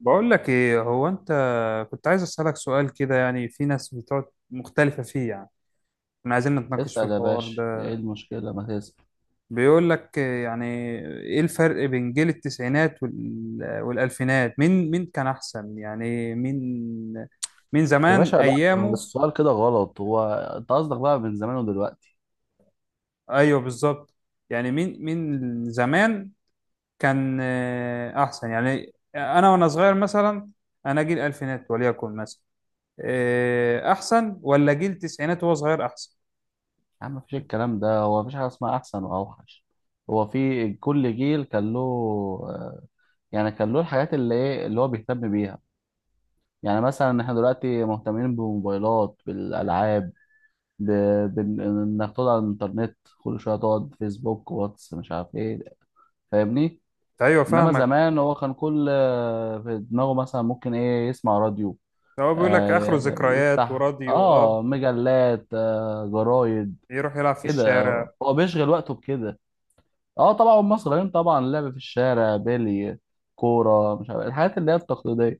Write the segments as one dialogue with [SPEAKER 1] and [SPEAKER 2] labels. [SPEAKER 1] بقول لك ايه. هو انت كنت عايز اسالك سؤال كده، يعني في ناس بتقعد مختلفه فيه يعني. كنا عايزين نتناقش في
[SPEAKER 2] اسأل يا
[SPEAKER 1] الحوار
[SPEAKER 2] باشا،
[SPEAKER 1] ده.
[SPEAKER 2] ايه المشكلة؟ ما تسأل.
[SPEAKER 1] بيقول لك إيه، يعني ايه الفرق بين جيل التسعينات وال- والالفينات؟ مين كان احسن؟ يعني مين
[SPEAKER 2] يا
[SPEAKER 1] زمان
[SPEAKER 2] باشا لا، هو
[SPEAKER 1] ايامه؟
[SPEAKER 2] السؤال كده غلط. هو انت قصدك بقى من زمان ودلوقتي.
[SPEAKER 1] ايوه بالظبط. يعني مين زمان كان احسن؟ يعني انا وانا صغير مثلا، انا جيل الفينات وليكن مثلا احسن، ولا جيل التسعينات وهو صغير احسن؟
[SPEAKER 2] يا عم، مفيش الكلام ده. هو مفيش حاجة اسمها أحسن وأوحش. هو في كل جيل كان له، آه، يعني كان له الحاجات اللي ايه اللي هو بيهتم بيها. يعني مثلا احنا دلوقتي مهتمين بالموبايلات، بالألعاب، إنك تقعد على الإنترنت كل شوية، تقعد فيسبوك، واتس، مش عارف ايه. فاهمني؟
[SPEAKER 1] ايوه
[SPEAKER 2] إنما
[SPEAKER 1] فاهمك.
[SPEAKER 2] زمان هو كان كل في دماغه مثلا ممكن ايه يسمع راديو،
[SPEAKER 1] هو بيقول لك اخره
[SPEAKER 2] آه،
[SPEAKER 1] ذكريات
[SPEAKER 2] يفتح
[SPEAKER 1] وراديو، اه
[SPEAKER 2] مجلات، جرايد
[SPEAKER 1] يروح يلعب في
[SPEAKER 2] كده.
[SPEAKER 1] الشارع.
[SPEAKER 2] هو بيشغل وقته بكده. اه طبعا هم صغيرين، طبعا لعب في الشارع، بيلي، كوره، مش عارف الحاجات اللي هي التقليديه. ما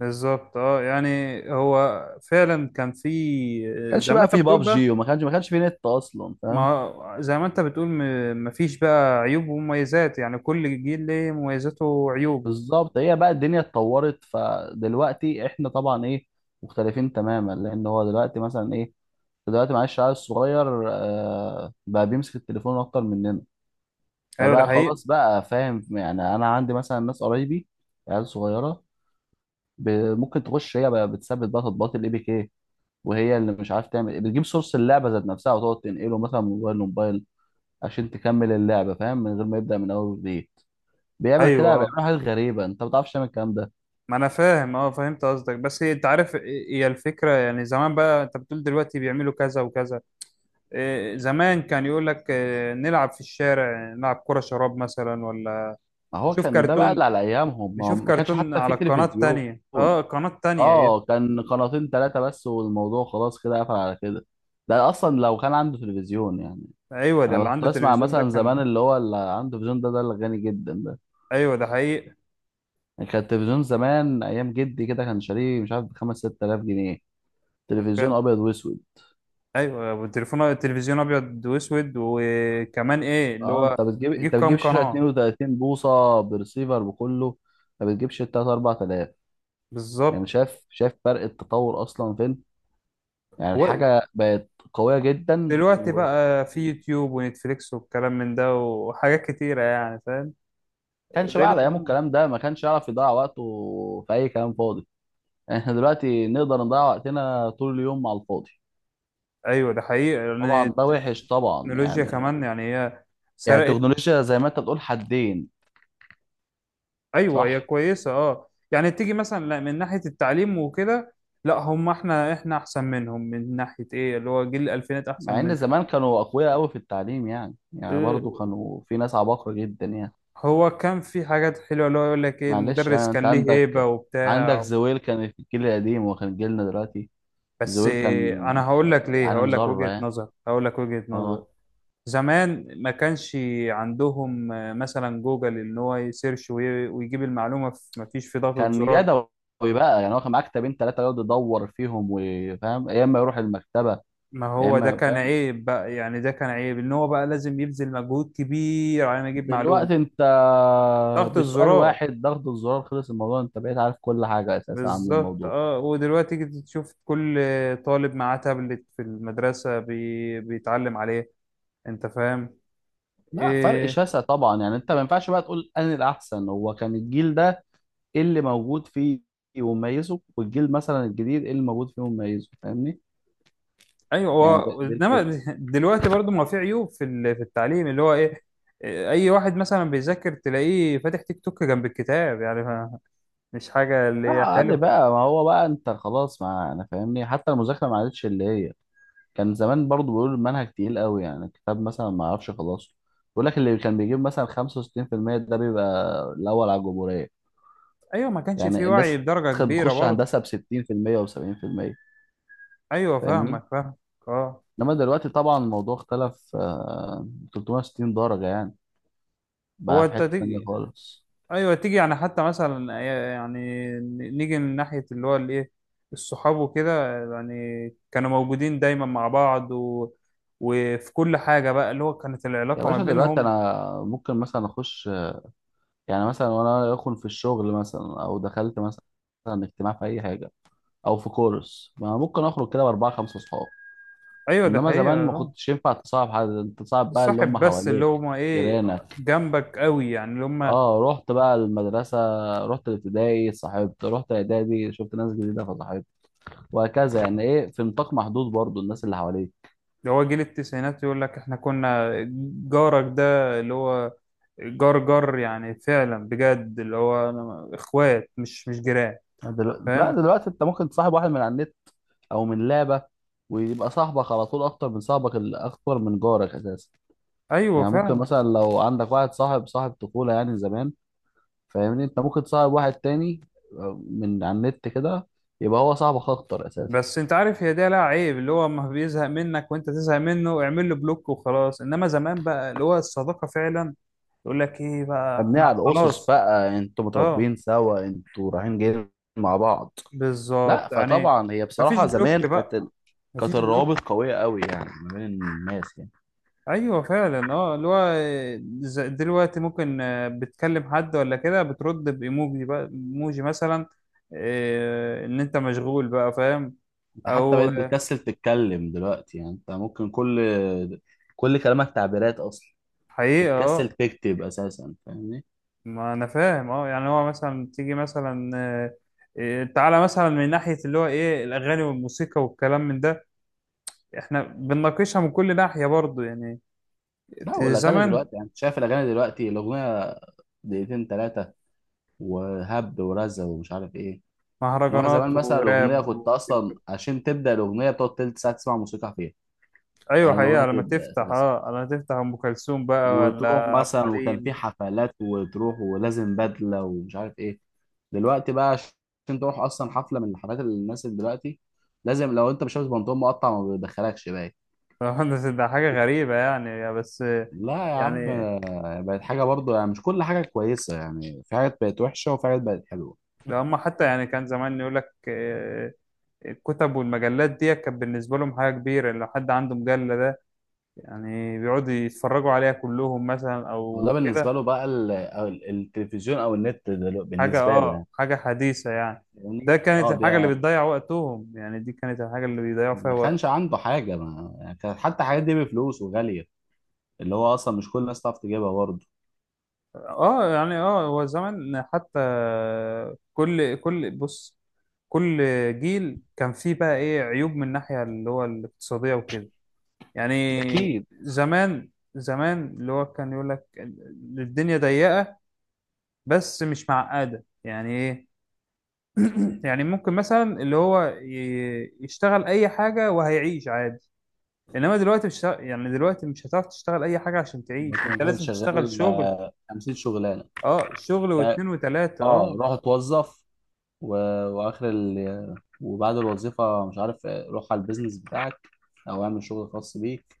[SPEAKER 1] بالظبط، اه يعني هو فعلا كان، في
[SPEAKER 2] كانش
[SPEAKER 1] زي ما
[SPEAKER 2] بقى
[SPEAKER 1] انت
[SPEAKER 2] في
[SPEAKER 1] بتقول بقى.
[SPEAKER 2] بابجي، وما كانش ما كانش في نت اصلا. فاهم؟
[SPEAKER 1] ما زي ما انت بتقول، مفيش بقى عيوب ومميزات، يعني كل جيل ليه مميزاته وعيوبه.
[SPEAKER 2] بالظبط. هي بقى الدنيا اتطورت، فدلوقتي احنا طبعا ايه، مختلفين تماما. لان هو دلوقتي مثلا ايه، دلوقتي معلش العيل الصغير آه بقى بيمسك التليفون اكتر مننا.
[SPEAKER 1] ايوه ده
[SPEAKER 2] فبقى
[SPEAKER 1] حقيقي.
[SPEAKER 2] خلاص بقى، فاهم؟ يعني انا عندي مثلا ناس قرايبي، عيال صغيره، ب- ممكن تخش هي بقى بتثبت بقى تطبيقات الاي بي كي، وهي اللي مش عارف تعمل إيه، بتجيب سورس اللعبه ذات نفسها وتقعد تنقله مثلا من موبايل لموبايل عشان تكمل اللعبه، فاهم، من غير ما يبدا من اول وجديد. بيعمل
[SPEAKER 1] ايوه
[SPEAKER 2] كده،
[SPEAKER 1] آه.
[SPEAKER 2] بيعمل حاجات غريبه، انت ما بتعرفش تعمل الكلام ده.
[SPEAKER 1] ما انا فاهم، اه فهمت قصدك، بس انت عارف هي الفكره. يعني زمان، بقى انت بتقول دلوقتي بيعملوا كذا وكذا، زمان كان يقول لك إيه، نلعب في الشارع، نلعب كرة شراب مثلا، ولا
[SPEAKER 2] ما هو
[SPEAKER 1] نشوف
[SPEAKER 2] كان ده بقى
[SPEAKER 1] كرتون،
[SPEAKER 2] اللي على ايامهم، ما هو
[SPEAKER 1] نشوف
[SPEAKER 2] ما كانش
[SPEAKER 1] كرتون
[SPEAKER 2] حتى في
[SPEAKER 1] على القناة
[SPEAKER 2] تلفزيون.
[SPEAKER 1] التانية. اه القناة التانية ايه.
[SPEAKER 2] اه، كان قناتين ثلاثه بس، والموضوع خلاص كده قفل على كده. ده اصلا لو كان عنده تلفزيون يعني.
[SPEAKER 1] ايوه ده
[SPEAKER 2] انا
[SPEAKER 1] اللي
[SPEAKER 2] كنت
[SPEAKER 1] عنده
[SPEAKER 2] بسمع
[SPEAKER 1] تلفزيون، ده
[SPEAKER 2] مثلا
[SPEAKER 1] كان
[SPEAKER 2] زمان، اللي هو اللي عنده تلفزيون ده، اللي غني جدا ده.
[SPEAKER 1] ايوه. ده حقيقي.
[SPEAKER 2] يعني كان التلفزيون زمان ايام جدي كده، كان شاريه مش عارف بخمس ست آلاف جنيه. تلفزيون
[SPEAKER 1] وكان،
[SPEAKER 2] ابيض واسود.
[SPEAKER 1] ايوه والتليفون، التلفزيون ابيض واسود، وكمان ايه اللي
[SPEAKER 2] اه
[SPEAKER 1] هو تجيب
[SPEAKER 2] انت بتجيب
[SPEAKER 1] كام
[SPEAKER 2] شاشه
[SPEAKER 1] قناة؟
[SPEAKER 2] 32 بوصه برسيفر بكله، ما بتجيبش 3 4000. يعني
[SPEAKER 1] بالظبط.
[SPEAKER 2] شايف شايف فرق التطور اصلا فين، يعني
[SPEAKER 1] هو
[SPEAKER 2] الحاجه بقت قويه جدا،
[SPEAKER 1] دلوقتي
[SPEAKER 2] و
[SPEAKER 1] بقى في يوتيوب ونتفليكس، والكلام من ده وحاجات كتيرة يعني، فاهم
[SPEAKER 2] كانش بقى
[SPEAKER 1] غير
[SPEAKER 2] على ايامه
[SPEAKER 1] زمان.
[SPEAKER 2] الكلام ده، ما كانش يعرف يضيع وقته في اي كلام فاضي. احنا دلوقتي نقدر نضيع وقتنا طول اليوم على الفاضي.
[SPEAKER 1] ايوه ده حقيقي يعني.
[SPEAKER 2] طبعا ده وحش طبعا
[SPEAKER 1] التكنولوجيا
[SPEAKER 2] يعني.
[SPEAKER 1] كمان، يعني هي سرقت.
[SPEAKER 2] التكنولوجيا زي ما انت بتقول حدين.
[SPEAKER 1] ايوه هي
[SPEAKER 2] صح.
[SPEAKER 1] كويسه اه، يعني تيجي مثلا لا من ناحيه التعليم وكده. لا، هم احنا احسن منهم من ناحيه ايه اللي هو جيل الالفينات احسن
[SPEAKER 2] مع ان
[SPEAKER 1] منه.
[SPEAKER 2] زمان كانوا اقوياء قوي في التعليم، يعني برضو
[SPEAKER 1] إيه،
[SPEAKER 2] كانوا في ناس عباقرة جدا يعني.
[SPEAKER 1] هو كان في حاجات حلوه، اللي هو يقول لك ايه،
[SPEAKER 2] معلش،
[SPEAKER 1] المدرس
[SPEAKER 2] يعني انت
[SPEAKER 1] كان ليه هيبه
[SPEAKER 2] عندك
[SPEAKER 1] وبتاع.
[SPEAKER 2] زويل كان في الجيل القديم، وكان جيلنا دلوقتي
[SPEAKER 1] بس
[SPEAKER 2] زويل كان
[SPEAKER 1] إيه، انا
[SPEAKER 2] في
[SPEAKER 1] هقول لك ليه،
[SPEAKER 2] عالم
[SPEAKER 1] هقول لك
[SPEAKER 2] ذرة
[SPEAKER 1] وجهه
[SPEAKER 2] يعني.
[SPEAKER 1] نظر، هقول لك وجهه نظر.
[SPEAKER 2] اه،
[SPEAKER 1] زمان ما كانش عندهم مثلا جوجل ان هو يسيرش وي- ويجيب المعلومه ما فيش في ضغطه
[SPEAKER 2] كان
[SPEAKER 1] زرار.
[SPEAKER 2] يدوي بقى، يعني هو كان معاه كتابين ثلاثة يقعد يدور فيهم وفاهم، يا اما يروح المكتبة،
[SPEAKER 1] ما
[SPEAKER 2] يا
[SPEAKER 1] هو ده
[SPEAKER 2] اما
[SPEAKER 1] كان
[SPEAKER 2] فاهم.
[SPEAKER 1] عيب بقى، يعني ده كان عيب ان هو بقى لازم يبذل مجهود كبير على ما يجيب معلومة.
[SPEAKER 2] دلوقتي انت
[SPEAKER 1] ضغطة
[SPEAKER 2] بسؤال
[SPEAKER 1] زرار.
[SPEAKER 2] واحد، ضغط الزرار، خلص الموضوع، انت بقيت عارف كل حاجه اساسا عن
[SPEAKER 1] بالظبت
[SPEAKER 2] الموضوع.
[SPEAKER 1] اه. ودلوقتي تيجي تشوف كل طالب معاه تابلت في المدرسة، بيتعلم عليه. انت فاهم.
[SPEAKER 2] لا، فرق
[SPEAKER 1] إيه...
[SPEAKER 2] شاسع طبعا يعني، انت ما ينفعش بقى تقول انا الاحسن. هو كان الجيل ده ايه اللي موجود فيه ومميزه، والجيل مثلا الجديد ايه اللي موجود فيه ومميزه. فاهمني؟
[SPEAKER 1] ايوه،
[SPEAKER 2] يعني
[SPEAKER 1] هو
[SPEAKER 2] ده
[SPEAKER 1] انما
[SPEAKER 2] الفكره.
[SPEAKER 1] دلوقتي برضو ما في عيوب في في التعليم، اللي هو ايه، إيه، اي واحد مثلا بيذاكر تلاقيه فاتح تيك توك جنب الكتاب، يعني مش حاجة اللي
[SPEAKER 2] لا
[SPEAKER 1] هي
[SPEAKER 2] عادي
[SPEAKER 1] حلوة.
[SPEAKER 2] بقى، ما هو بقى انت خلاص، ما انا فاهمني. حتى المذاكره ما عادتش اللي هي، كان زمان برضو بيقولوا المنهج تقيل قوي يعني، الكتاب مثلا ما اعرفش خلاص، يقول لك اللي كان بيجيب مثلا 65% ده بيبقى الاول على الجمهوريه.
[SPEAKER 1] ايوه ما كانش في
[SPEAKER 2] يعني
[SPEAKER 1] وعي
[SPEAKER 2] الناس
[SPEAKER 1] بدرجة
[SPEAKER 2] كانت
[SPEAKER 1] كبيرة
[SPEAKER 2] بتخش
[SPEAKER 1] برضه.
[SPEAKER 2] هندسه ب 60% و70%.
[SPEAKER 1] ايوه
[SPEAKER 2] فاهمني؟
[SPEAKER 1] فاهمك. اه.
[SPEAKER 2] انما دلوقتي طبعا الموضوع اختلف، 360 درجه يعني،
[SPEAKER 1] هو
[SPEAKER 2] بقى في
[SPEAKER 1] انت
[SPEAKER 2] حته تانيه
[SPEAKER 1] تيجي،
[SPEAKER 2] خالص.
[SPEAKER 1] ايوه تيجي يعني حتى مثلا، يعني نيجي من ناحيه اللي هو الايه، الصحاب وكده يعني. كانوا موجودين دايما مع بعض و... وفي كل حاجه بقى اللي هو، كانت
[SPEAKER 2] يا
[SPEAKER 1] العلاقه ما
[SPEAKER 2] باشا دلوقتي
[SPEAKER 1] بينهم.
[SPEAKER 2] انا ممكن مثلا اخش، يعني مثلا وانا اكون في الشغل مثلا، او دخلت مثلا اجتماع في اي حاجه، او في كورس، ما ممكن اخرج كده باربعه خمسه اصحاب.
[SPEAKER 1] ايوه ده
[SPEAKER 2] انما
[SPEAKER 1] حقيقه
[SPEAKER 2] زمان ما
[SPEAKER 1] آه.
[SPEAKER 2] كنتش ينفع تصاحب حد، انت تصاحب بقى اللي
[SPEAKER 1] الصاحب
[SPEAKER 2] هم
[SPEAKER 1] بس اللي
[SPEAKER 2] حواليك،
[SPEAKER 1] هما ايه،
[SPEAKER 2] جيرانك.
[SPEAKER 1] جنبك قوي يعني اللي هما.
[SPEAKER 2] اه، رحت بقى المدرسة، رحت الابتدائي صاحبت، رحت اعدادي شفت ناس جديدة فصاحبت، وهكذا يعني ايه، في نطاق محدود برضو الناس اللي حواليك.
[SPEAKER 1] اللي هو جيل التسعينات يقول لك احنا كنا جارك، ده اللي هو جار جار يعني، فعلا بجد اللي هو اخوات، مش جيران،
[SPEAKER 2] لا،
[SPEAKER 1] فاهم.
[SPEAKER 2] دلوقتي انت ممكن تصاحب واحد من على النت، او من لعبة، ويبقى صاحبك على طول اكتر من اكتر من جارك اساسا.
[SPEAKER 1] ايوه
[SPEAKER 2] يعني ممكن
[SPEAKER 1] فعلا.
[SPEAKER 2] مثلا لو عندك واحد صاحب طفولة يعني زمان، فاهمني، انت ممكن تصاحب واحد تاني، من على النت كده، يبقى هو صاحبك اكتر اساسا.
[SPEAKER 1] بس انت عارف هي ده لها عيب، اللي هو اما بيزهق منك وانت تزهق منه اعمل له بلوك وخلاص. انما زمان بقى، اللي هو الصداقه فعلا، يقول لك ايه بقى
[SPEAKER 2] مبنية
[SPEAKER 1] احنا
[SPEAKER 2] على الاسس
[SPEAKER 1] خلاص،
[SPEAKER 2] بقى، انتوا
[SPEAKER 1] اه
[SPEAKER 2] متربيين سوا، انتوا رايحين جايين مع بعض. لا،
[SPEAKER 1] بالظبط يعني.
[SPEAKER 2] فطبعا هي
[SPEAKER 1] مفيش
[SPEAKER 2] بصراحة زمان
[SPEAKER 1] بلوك بقى،
[SPEAKER 2] كانت
[SPEAKER 1] مفيش بلوك.
[SPEAKER 2] الروابط قوية قوي يعني ما بين الناس يعني.
[SPEAKER 1] ايوه فعلا. اه اللي هو، دلوقتي ممكن بتكلم حد ولا كده، بترد بايموجي بقى، ايموجي مثلا، ان انت مشغول بقى، فاهم.
[SPEAKER 2] انت حتى
[SPEAKER 1] او
[SPEAKER 2] بقيت بتكسل تتكلم دلوقتي، يعني انت ممكن كل كلامك تعبيرات اصلا،
[SPEAKER 1] حقيقة
[SPEAKER 2] بتكسل
[SPEAKER 1] اه.
[SPEAKER 2] تكتب اساسا. فاهمني؟
[SPEAKER 1] ما انا فاهم اه، يعني هو مثلا تيجي مثلا تعالى مثلا من ناحية اللي هو ايه، الاغاني والموسيقى والكلام من ده. احنا بنناقشها من كل ناحية برضو يعني.
[SPEAKER 2] لا، والاغاني
[SPEAKER 1] زمن
[SPEAKER 2] دلوقتي يعني، انت شايف الاغاني دلوقتي، الاغنية دقيقتين ثلاثة وهبد ورزة ومش عارف ايه. انما
[SPEAKER 1] مهرجانات
[SPEAKER 2] زمان مثلا الاغنية،
[SPEAKER 1] وراب
[SPEAKER 2] كنت
[SPEAKER 1] وتيك
[SPEAKER 2] اصلا
[SPEAKER 1] توك.
[SPEAKER 2] عشان تبدأ الاغنية بتقعد تلت ساعة تسمع موسيقى فيها،
[SPEAKER 1] ايوه
[SPEAKER 2] على ما الاغنية
[SPEAKER 1] حقيقة. لما
[SPEAKER 2] تبدأ
[SPEAKER 1] تفتح
[SPEAKER 2] اساسا.
[SPEAKER 1] اه، لما تفتح ام كلثوم بقى، ولا
[SPEAKER 2] وتروح
[SPEAKER 1] عبد
[SPEAKER 2] مثلا، وكان في
[SPEAKER 1] الحليم.
[SPEAKER 2] حفلات وتروح ولازم بدلة ومش عارف ايه. دلوقتي بقى عشان تروح اصلا حفلة من الحفلات اللي الناس اللي دلوقتي، لازم لو انت مش لابس بنطلون مقطع ما بيدخلكش باين.
[SPEAKER 1] طبعاً ده حاجة غريبة يعني، بس
[SPEAKER 2] لا يا عم،
[SPEAKER 1] يعني.
[SPEAKER 2] بقت حاجة برضو يعني، مش كل حاجة كويسة يعني، في حاجات بقت وحشة وفي حاجات بقت حلوة.
[SPEAKER 1] لو هم حتى، يعني كان زمان يقول لك الكتب والمجلات دي كانت بالنسبة لهم حاجة كبيرة، لو حد عنده مجلة ده، يعني بيقعدوا يتفرجوا عليها كلهم مثلا
[SPEAKER 2] وده
[SPEAKER 1] او
[SPEAKER 2] بالنسبة
[SPEAKER 1] كده.
[SPEAKER 2] له بقى التلفزيون أو النت،
[SPEAKER 1] حاجة
[SPEAKER 2] بالنسبة له
[SPEAKER 1] اه،
[SPEAKER 2] يعني.
[SPEAKER 1] حاجة حديثة يعني.
[SPEAKER 2] يعني
[SPEAKER 1] ده كانت
[SPEAKER 2] اه
[SPEAKER 1] الحاجة اللي
[SPEAKER 2] ده،
[SPEAKER 1] بتضيع وقتهم، يعني دي كانت الحاجة اللي بيضيعوا فيها
[SPEAKER 2] ما كانش
[SPEAKER 1] وقت.
[SPEAKER 2] عنده حاجة ما، يعني كانت حتى الحاجات دي بفلوس وغالية، اللي هو أصلا مش كل الناس تعرف تجيبها برضه.
[SPEAKER 1] اه يعني، اه هو زمان حتى كل بص، كل جيل كان فيه بقى ايه عيوب، من الناحية اللي هو الاقتصادية وكده يعني.
[SPEAKER 2] أكيد.
[SPEAKER 1] زمان زمان اللي هو كان يقول لك الدنيا ضيقة، بس مش معقدة. يعني ايه، يعني ممكن مثلا اللي هو يشتغل اي حاجه وهيعيش عادي. انما دلوقتي مش ه- يعني دلوقتي مش هتعرف تشتغل اي حاجه عشان تعيش،
[SPEAKER 2] كنت
[SPEAKER 1] انت
[SPEAKER 2] مثلا
[SPEAKER 1] لازم تشتغل
[SPEAKER 2] شغال،
[SPEAKER 1] شغل
[SPEAKER 2] 50 شغلانه.
[SPEAKER 1] اه، شغل
[SPEAKER 2] اه،
[SPEAKER 1] واتنين وتلاته اه.
[SPEAKER 2] روح اتوظف، و... واخر ال... وبعد الوظيفه مش عارف، روح على البيزنس بتاعك، او اعمل شغل خاص بيك،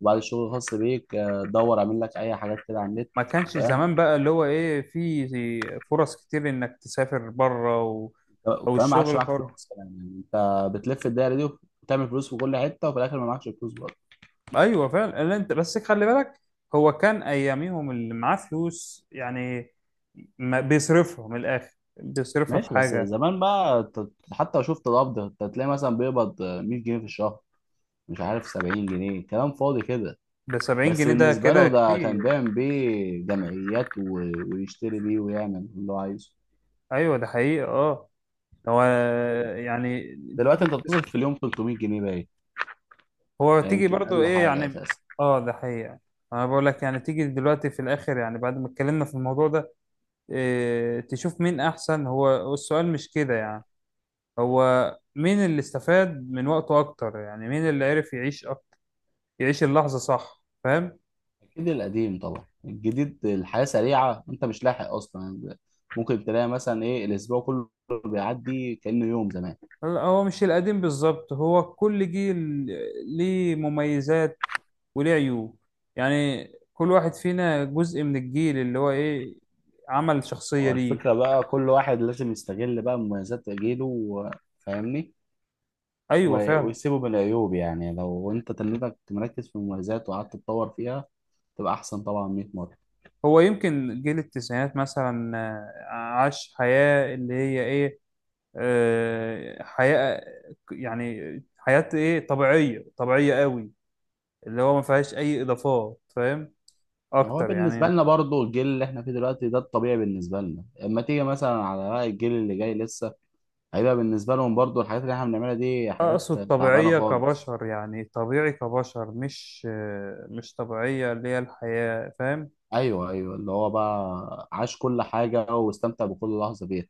[SPEAKER 2] وبعد الشغل الخاص بيك دور اعمل لك اي حاجات كده على النت.
[SPEAKER 1] ما كانش
[SPEAKER 2] فاهم؟
[SPEAKER 1] زمان بقى اللي هو ايه، في فرص كتير انك تسافر بره و... او
[SPEAKER 2] وكمان ما عادش
[SPEAKER 1] الشغل
[SPEAKER 2] معاك
[SPEAKER 1] حر.
[SPEAKER 2] فلوس كمان، يعني انت بتلف الدايره دي، وتعمل فلوس في كل حته، وفي الاخر ما معكش فلوس برضه.
[SPEAKER 1] ايوه فعلا. اللي انت بس خلي بالك، هو كان اياميهم اللي معاه فلوس يعني ما بيصرفها من الاخر، بيصرفها في
[SPEAKER 2] ماشي، بس
[SPEAKER 1] حاجه.
[SPEAKER 2] زمان بقى حتى لو شفت القبض، انت تلاقي مثلا بيقبض، 100 جنيه في الشهر، مش عارف 70 جنيه، كلام فاضي كده.
[SPEAKER 1] ب 70
[SPEAKER 2] بس
[SPEAKER 1] جنيه ده
[SPEAKER 2] بالنسبة
[SPEAKER 1] كده
[SPEAKER 2] له ده كان
[SPEAKER 1] كتير.
[SPEAKER 2] بيعمل بيه جمعيات، ويشتري بيه ويعمل اللي هو عايزه.
[SPEAKER 1] ايوه ده حقيقي اه. هو يعني
[SPEAKER 2] دلوقتي
[SPEAKER 1] تيجي،
[SPEAKER 2] انت بتصرف في اليوم 300 جنيه باين،
[SPEAKER 1] هو
[SPEAKER 2] يعني
[SPEAKER 1] تيجي
[SPEAKER 2] يمكن
[SPEAKER 1] برضو
[SPEAKER 2] اقل
[SPEAKER 1] ايه
[SPEAKER 2] حاجة
[SPEAKER 1] يعني.
[SPEAKER 2] اساسا.
[SPEAKER 1] اه ده حقيقي. انا بقول لك يعني، تيجي دلوقتي في الاخر يعني، بعد ما اتكلمنا في الموضوع ده، إيه تشوف مين احسن، هو السؤال مش كده يعني، هو مين اللي استفاد من وقته اكتر؟ يعني مين اللي عرف يعيش أكتر، يعيش اللحظة، صح فاهم.
[SPEAKER 2] اكيد القديم طبعا. الجديد الحياة سريعة، انت مش لاحق اصلا. ممكن تلاقي مثلا ايه، الاسبوع كله بيعدي كأنه يوم زمان.
[SPEAKER 1] لا، هو مش القديم بالظبط، هو كل جيل ليه مميزات وليه عيوب. يعني كل واحد فينا جزء من الجيل اللي هو ايه، عمل شخصية
[SPEAKER 2] هو
[SPEAKER 1] ليه.
[SPEAKER 2] الفكرة بقى كل واحد لازم يستغل بقى مميزات جيله فاهمني،
[SPEAKER 1] ايوه فعلا.
[SPEAKER 2] ويسيبه من العيوب، يعني لو انت تنيتك مركز في المميزات وقعدت تتطور فيها، تبقى احسن طبعا 100 مرة.
[SPEAKER 1] هو يمكن جيل التسعينات مثلا عاش حياة اللي هي ايه حياة، يعني حياة ايه، طبيعية قوي، اللي هو ما فيهاش اي اضافات، فاهم
[SPEAKER 2] هو
[SPEAKER 1] اكتر
[SPEAKER 2] بالنسبة
[SPEAKER 1] يعني.
[SPEAKER 2] لنا برضو الجيل اللي احنا فيه دلوقتي ده الطبيعي بالنسبة لنا، اما تيجي مثلا على بقى الجيل اللي جاي لسه، هيبقى بالنسبة لهم برضو الحاجات اللي احنا بنعملها دي حاجات
[SPEAKER 1] اقصد
[SPEAKER 2] تعبانة
[SPEAKER 1] طبيعية
[SPEAKER 2] خالص.
[SPEAKER 1] كبشر، يعني طبيعي كبشر، مش طبيعية اللي هي الحياة، فاهم.
[SPEAKER 2] ايوه، ايوه، اللي هو بقى عاش كل حاجة واستمتع بكل لحظة بيها.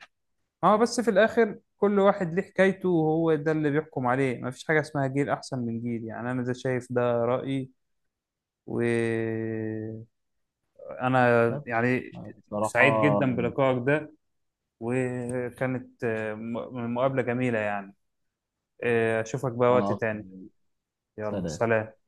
[SPEAKER 1] اه بس في الاخر كل واحد ليه حكايته، وهو ده اللي بيحكم عليه. مفيش حاجة اسمها جيل احسن من جيل، يعني انا ده شايف، ده رأيي وانا
[SPEAKER 2] طب،
[SPEAKER 1] يعني. سعيد
[SPEAKER 2] بصراحة
[SPEAKER 1] جدا بلقائك ده، وكانت مقابلة جميلة يعني. اشوفك بقى
[SPEAKER 2] انا
[SPEAKER 1] وقت
[SPEAKER 2] اكتر.
[SPEAKER 1] تاني. يلا
[SPEAKER 2] سلام.
[SPEAKER 1] سلام.